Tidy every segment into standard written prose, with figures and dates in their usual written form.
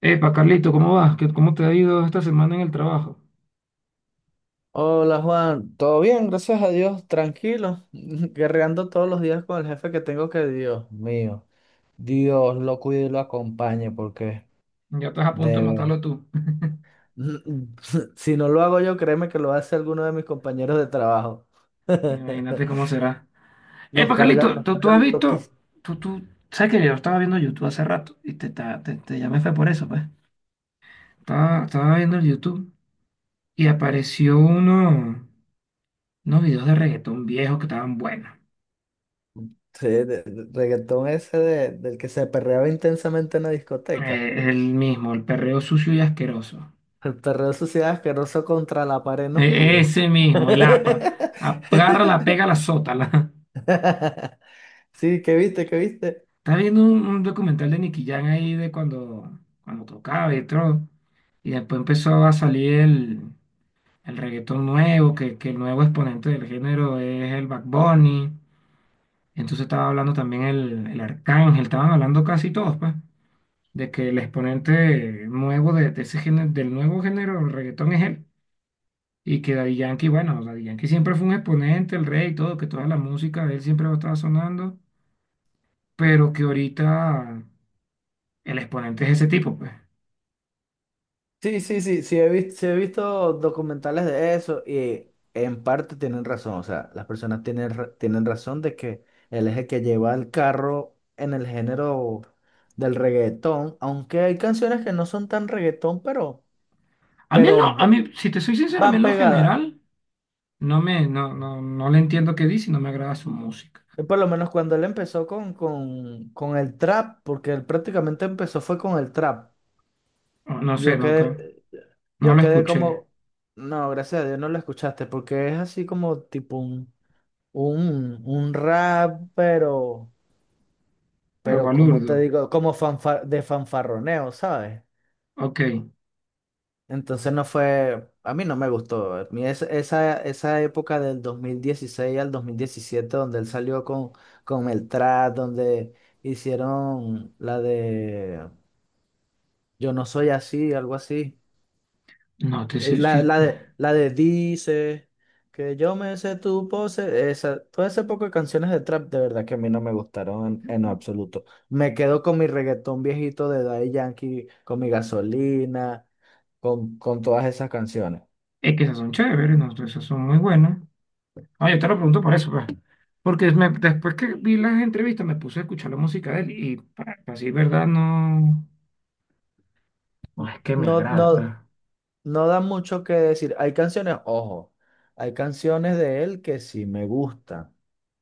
Epa, Carlito, ¿cómo vas? ¿Cómo te ha ido esta semana en el trabajo? Hola Juan, todo bien, gracias a Dios, tranquilo, guerreando todos los días con el jefe que tengo que Dios mío, Dios lo cuide y lo acompañe porque Ya estás a punto de de ver- matarlo tú. si no lo hago yo, créeme que lo hace alguno de mis compañeros de trabajo. Imagínate cómo será. Epa, Carlito, nos ¿tú carga has visto? loquísimo. Tú, tú, sabes que yo estaba viendo YouTube hace rato y te llamé fue por eso, pues. Estaba viendo el YouTube y apareció unos videos de reggaetón viejos que estaban buenos. Sí, de- de- Reggaetón ese del que se perreaba intensamente en la discoteca. El mismo, el perreo sucio y asqueroso. El perreo de suciedad asqueroso contra la pared en E- oscuro. ese mismo, el APA. Agárrala, pégala, sótala. Sí, ¿qué viste? ¿Qué viste? Estaba viendo un documental de Nicky Jam ahí de cuando tocaba y todo. Y después empezó a salir el reggaetón nuevo, que el nuevo exponente del género es el Bad Bunny. Entonces estaba hablando también el Arcángel, estaban hablando casi todos, pues, de que el exponente nuevo de ese género, del nuevo género del reggaetón es él. Y que Daddy Yankee, bueno, Daddy Yankee siempre fue un exponente, el rey y todo, que toda la música de él siempre va a estar sonando, pero que ahorita el exponente es ese tipo, pues. Sí, he visto, sí he visto documentales de eso, y en parte tienen razón, o sea, las personas tienen razón de que el eje que lleva el carro en el género del reggaetón, aunque hay canciones que no son tan reggaetón, pero, A mí, pero a va- mí, si te soy sincero, a mí van en lo pegadas. general no me, no, no, no le entiendo qué dice y no me agrada su música. Y por lo menos cuando él empezó con el trap, porque él prácticamente empezó fue con el trap. No, no sé, Yo nunca, quedé, no Yo lo quedé escuché. como, no, gracias a Dios no lo escuchaste, porque es así como tipo un rap, Pero pero como te Balurdo, digo, de fanfarroneo, ¿sabes? ok. Entonces no fue, a mí no me gustó. Esa, esa época del 2016 al 2017 donde él salió con el trap, donde hicieron la de "Yo no soy así", algo así. No, te, sí, sí, La de "Dice, que yo me sé tu pose", esa, todo ese poco de canciones de trap, de verdad que a mí no me gustaron en absoluto. Me quedo con mi reggaetón viejito de Daddy Yankee, con mi gasolina, con todas esas canciones. es que esas son chéveres, no, esas son muy buenas. Ah, yo te lo pregunto por eso, pues. Porque después que vi las entrevistas me puse a escuchar la música de él y para decir verdad no, no es que me No, agrade, no, pero no da mucho que decir. Hay canciones, ojo, hay canciones de él que sí me gustan.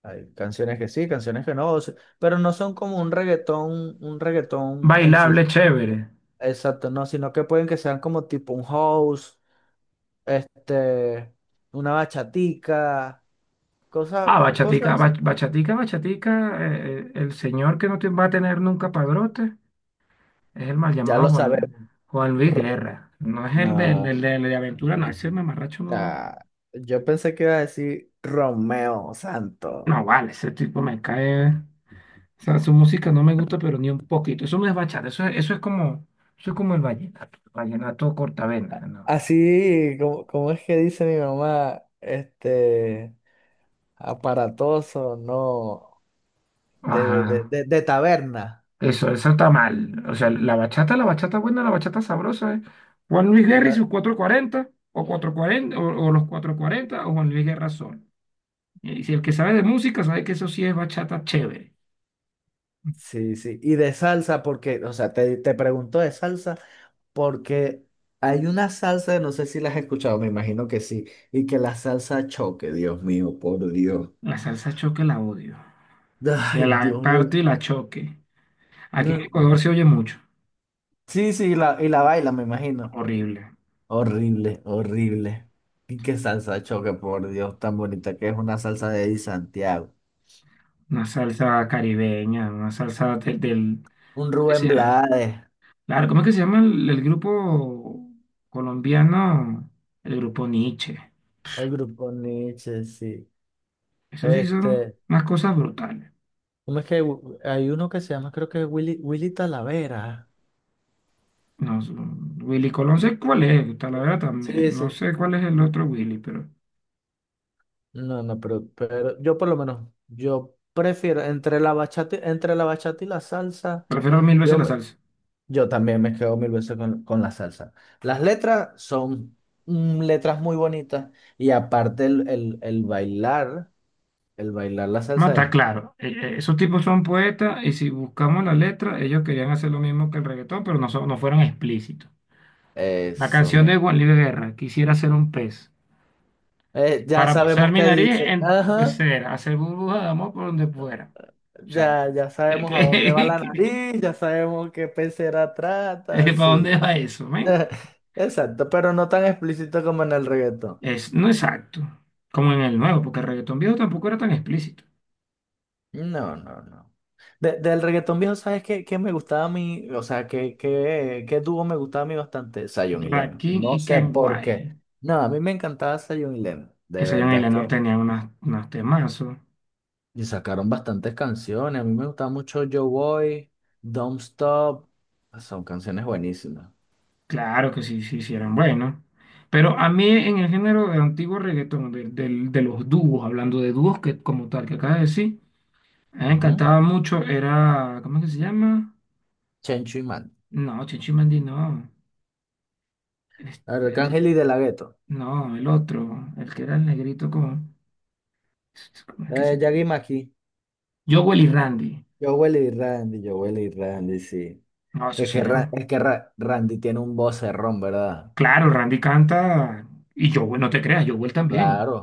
Hay canciones que sí, canciones que no, o sea, pero no son como un reggaetón en sí. bailable, chévere. Exacto, no, sino que pueden que sean como tipo un house, este, una bachatica, Ah, cosas bachatica, así. bachatica, bachatica, el señor que no te va a tener nunca padrote es el mal Ya llamado lo Juan, sabemos. Juan Luis Ro- Guerra. No es el, del- el de, No, el de el de aventura, no, ese mamarracho no. ah, yo pensé que iba a decir Romeo Santo. No, vale, ese tipo me cae. O sea, su música no me gusta, pero ni un poquito. Eso no es bachata, eso es como el vallenato, vallenato cortavena, ¿no? Así, como, como es que dice mi mamá, aparatoso, no, Ajá. De taberna. Eso está mal. O sea, la bachata buena, la bachata sabrosa es Juan Luis Guerra y La- sus cuatro cuarenta o 440, o los cuatro cuarenta o Juan Luis Guerra solo. Y si el que sabe de música sabe que eso sí es bachata chévere. sí, sí, y de salsa, porque, o sea, te pregunto de salsa. Porque hay una salsa, no sé si la has escuchado, me imagino que sí, y que la salsa choque, Dios mío, por Dios. La salsa choque la odio. Que Ay, la Dios mío. parte y la choque. Aquí en No, Ecuador se oye mucho. sí, sí, y la baila, me imagino. Horrible. Horrible, horrible. Y qué salsa choque, por Dios, tan bonita que es una salsa de Eddie Santiago. Una salsa caribeña, una salsa Un ¿cómo es que Rubén se llama? Blades, Claro, ¿cómo es que se llama el grupo colombiano? El grupo Nietzsche. el grupo Nietzsche, sí. Eso sí son Este, unas cosas brutales. ¿Cómo es que hay uno que se llama, creo que Willy Talavera? No, Willy Colón no sé cuál es, la verdad Sí, también. No sí. sé cuál es el otro Willy, pero No, no, pero yo por lo menos, yo prefiero entre la bachata y la salsa, prefiero mil veces yo, la me- salsa. yo también me quedo mil veces con la salsa. Las letras son mm, letras muy bonitas y aparte el bailar, el bailar la No, salsa está es claro. Esos tipos son poetas y si buscamos la letra, ellos querían hacer lo mismo que el reggaetón, pero no, no fueron explícitos. La eso, canción de me, Juan Luis Guerra, quisiera ser un pez, ya para sabemos posar mi qué nariz dice, en tu ajá, pecera, hacer burbuja de amor por donde fuera. O sea, ya, ya sabemos a dónde va la que, nariz, ya sabemos qué pecera trata, ¿para dónde sí. va eso, men? Exacto, pero no tan explícito como en el reggaetón. Es, no exacto, como en el nuevo, porque el reggaetón viejo tampoco era tan explícito. No, no, no. De- del reggaetón viejo, ¿sabes qué, qué me gustaba a mí? O sea, ¿qué, qué, qué dúo me gustaba a mí bastante? Zion y Lennon. Rakim No y sé por qué. Kenway, No, a mí me encantaba Zion y Lennon. De que se llaman y verdad Lenor, que. tenían unos temazos. Y sacaron bastantes canciones. A mí me gustaba mucho Yo Boy, Don't Stop. Ah, son canciones buenísimas. Claro que sí, sí, sí eran buenos. Pero a mí en el género de antiguo reggaetón, de los dúos, hablando de dúos que, como tal, que acabas de decir, a mí me Ujú. encantaba mucho, era, ¿cómo es que se llama? Chencho y Man. No, Chinchi Mandi no. Arcángel Este, y De La Ghetto. no, el otro, el que era el negrito como, ¿cómo es que se Yagi Maki. Jowell y Randy. Jowell y Randy. Jowell y Randy, sí. No, esos sí eran Randy tiene un vocerrón, ¿verdad? Claro, Randy canta y yo, no te creas, Jowell también. Claro,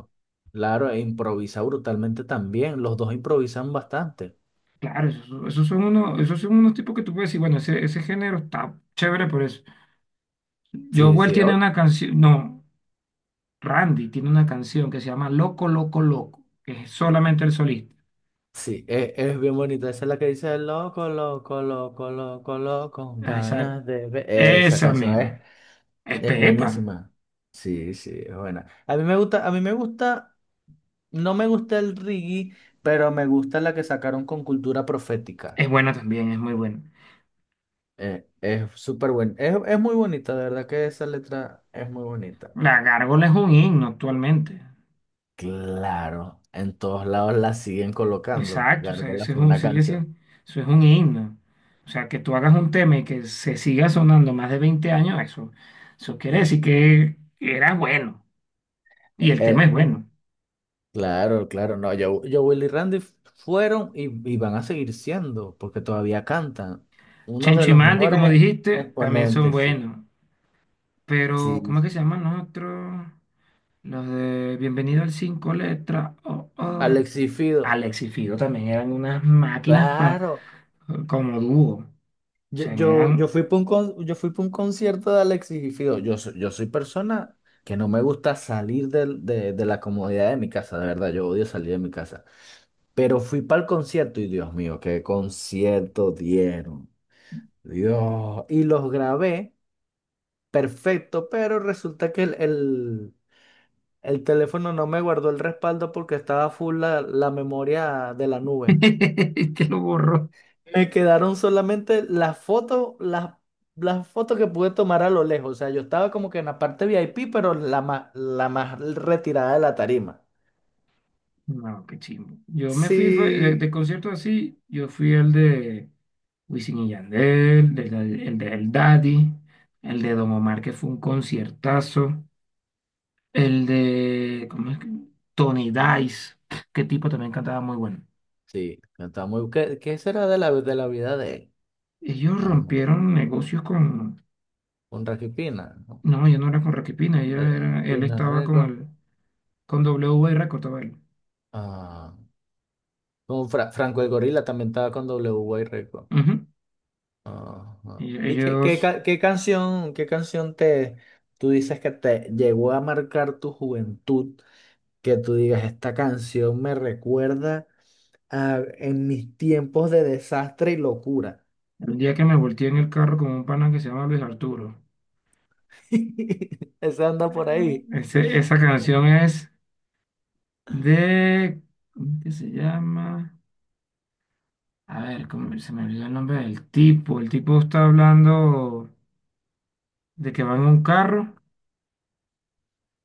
claro, e improvisa brutalmente también. Los dos improvisan bastante. Claro, esos, esos son unos tipos que tú puedes decir, bueno, ese género está chévere por eso. Sí, Jowell sí, tiene o- una canción, no, Randy tiene una canción que se llama Loco, Loco, Loco, que es solamente el solista. sí, es, bien bonita. Esa es la que dice loco, loco, loco, loco, loco, Ah, Esa, ganas de ver. Esa esa canción misma. Es es Pepa, buenísima. Sí, sí, es buena. A mí me gusta, no me gusta el reggae, pero me gusta la que sacaron con Cultura Profética. es buena también, es muy buena. Es súper buena. Es muy bonita, de verdad que esa letra es muy bonita. La Gárgola es un himno actualmente. Claro, en todos lados la siguen colocando. Exacto, o sea, Gárgola eso es fue un, una canción. Eso es un himno. O sea, que tú hagas un tema y que se siga sonando más de 20 años, eso, eso quiere Eh, decir que era bueno. Y el tema eh, es mm, bueno. claro, claro, no. Willy y Randy fueron y van a seguir siendo, porque todavía cantan. Uno de Chencho y los Mandy, como mejores dijiste, también son exponentes, sí. buenos. Pero, Sí, ¿cómo es sí. que se llaman los otros? Los de Bienvenido al Cinco Letras. Oh, oh. Alexis Fido, Alex y Fido también eran unas máquinas claro. como dúo. O sea, Yo eran... fui para yo fui pa un concierto de Alexis Fido. Yo, yo soy persona que no me gusta salir de la comodidad de mi casa, de verdad. Yo odio salir de mi casa. Pero fui para el concierto y Dios mío, qué concierto dieron. Dios. Y los grabé, perfecto, pero resulta que el teléfono no me guardó el respaldo porque estaba full la memoria de la nube. Te lo borró. Me quedaron solamente las fotos, las fotos que pude tomar a lo lejos. O sea, yo estaba como que en la parte VIP, pero la más retirada de la tarima. No, qué chimbo. Yo me fui fue, de Sí. conciertos así, yo fui el de Wisin y Yandel, el de El Daddy, el de Don Omar, que fue un conciertazo, el de, ¿cómo es que? Tony Dice, qué tipo también cantaba muy bueno. Sí, está muy... ¿Qué, qué será de la vida de él? Ellos Más rompieron negocios con, un Rocky Pina, ¿no? no, yo no era con Rocky Pina ellos Eh, era, él Pina estaba con Record. el, con W cortaba él. Ah, como Franco el Gorila también estaba con W y Record. Ujú. Ajá. Y ¿Y qué, Ellos, qué canción, tú dices que te llegó a marcar tu juventud? Que tú digas, esta canción me recuerda a, en mis tiempos de desastre y locura. el día que me volteé en el carro con un pana que se llama Luis Arturo. Esa anda por ahí. Esa canción es. de, ¿Cómo que se llama? A ver, ¿cómo se me olvidó el nombre del tipo? El tipo está hablando de que van en un carro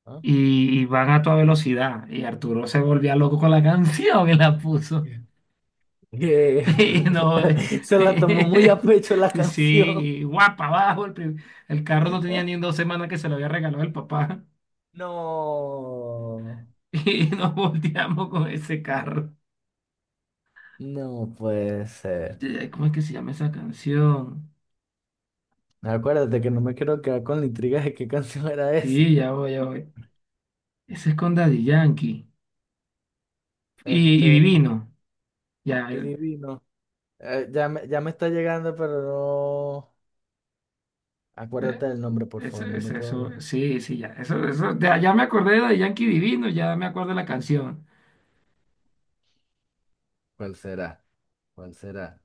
ah, y van a toda velocidad. Y Arturo se volvía loco con la canción que la puso. Que Y no, se la tomó muy a pecho la canción. sí, guapa, abajo. El carro no tenía ni en 2 semanas que se lo había regalado el papá. No, Y nos volteamos con ese carro. no puede ser. ¿Cómo es que se llama esa canción? Acuérdate que no me quiero quedar con la intriga de qué canción era esa. Sí, ya voy, ya voy. Ese es con Daddy Yankee. Y Este, divino. Ya, y divino. Ya me está llegando, pero no. de- Acuérdate del nombre, por eso, favor, no me eso, puedo eso, acordar. sí, sí, ya. Eso, de, ya me acordé de Yankee Divino, ya me acuerdo de la canción. ¿Cuál será? ¿Cuál será?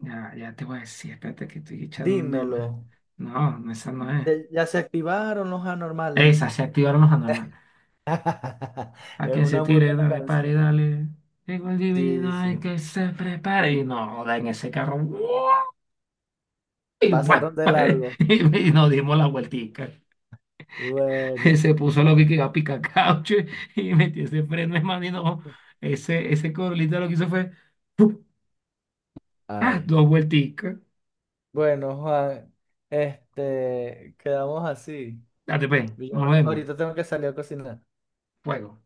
Ya, ya te voy a decir, espérate que estoy Dímelo. echándome. No, no, esa no es. ¿Ya se activaron los anormales? Esa, se activaron los anormales. A Es quien se una muy tire, buena dale, canción. pare, dale. Llegó el divino, Sí, hay sí. que se prepare. Y no, en ese carro. ¡Guau! Y, guau, Pasaron de largo. y nos dimos la vueltica. Bueno. se puso lo que quedó a picar y metió ese freno, hermano, y no, ese corolita lo que hizo fue, ¡puf! ¡Ah! Ay. Dos vuelticas, Bueno, Juan, quedamos así. date pe, Yo nos vemos, ahorita tengo que salir a cocinar. fuego.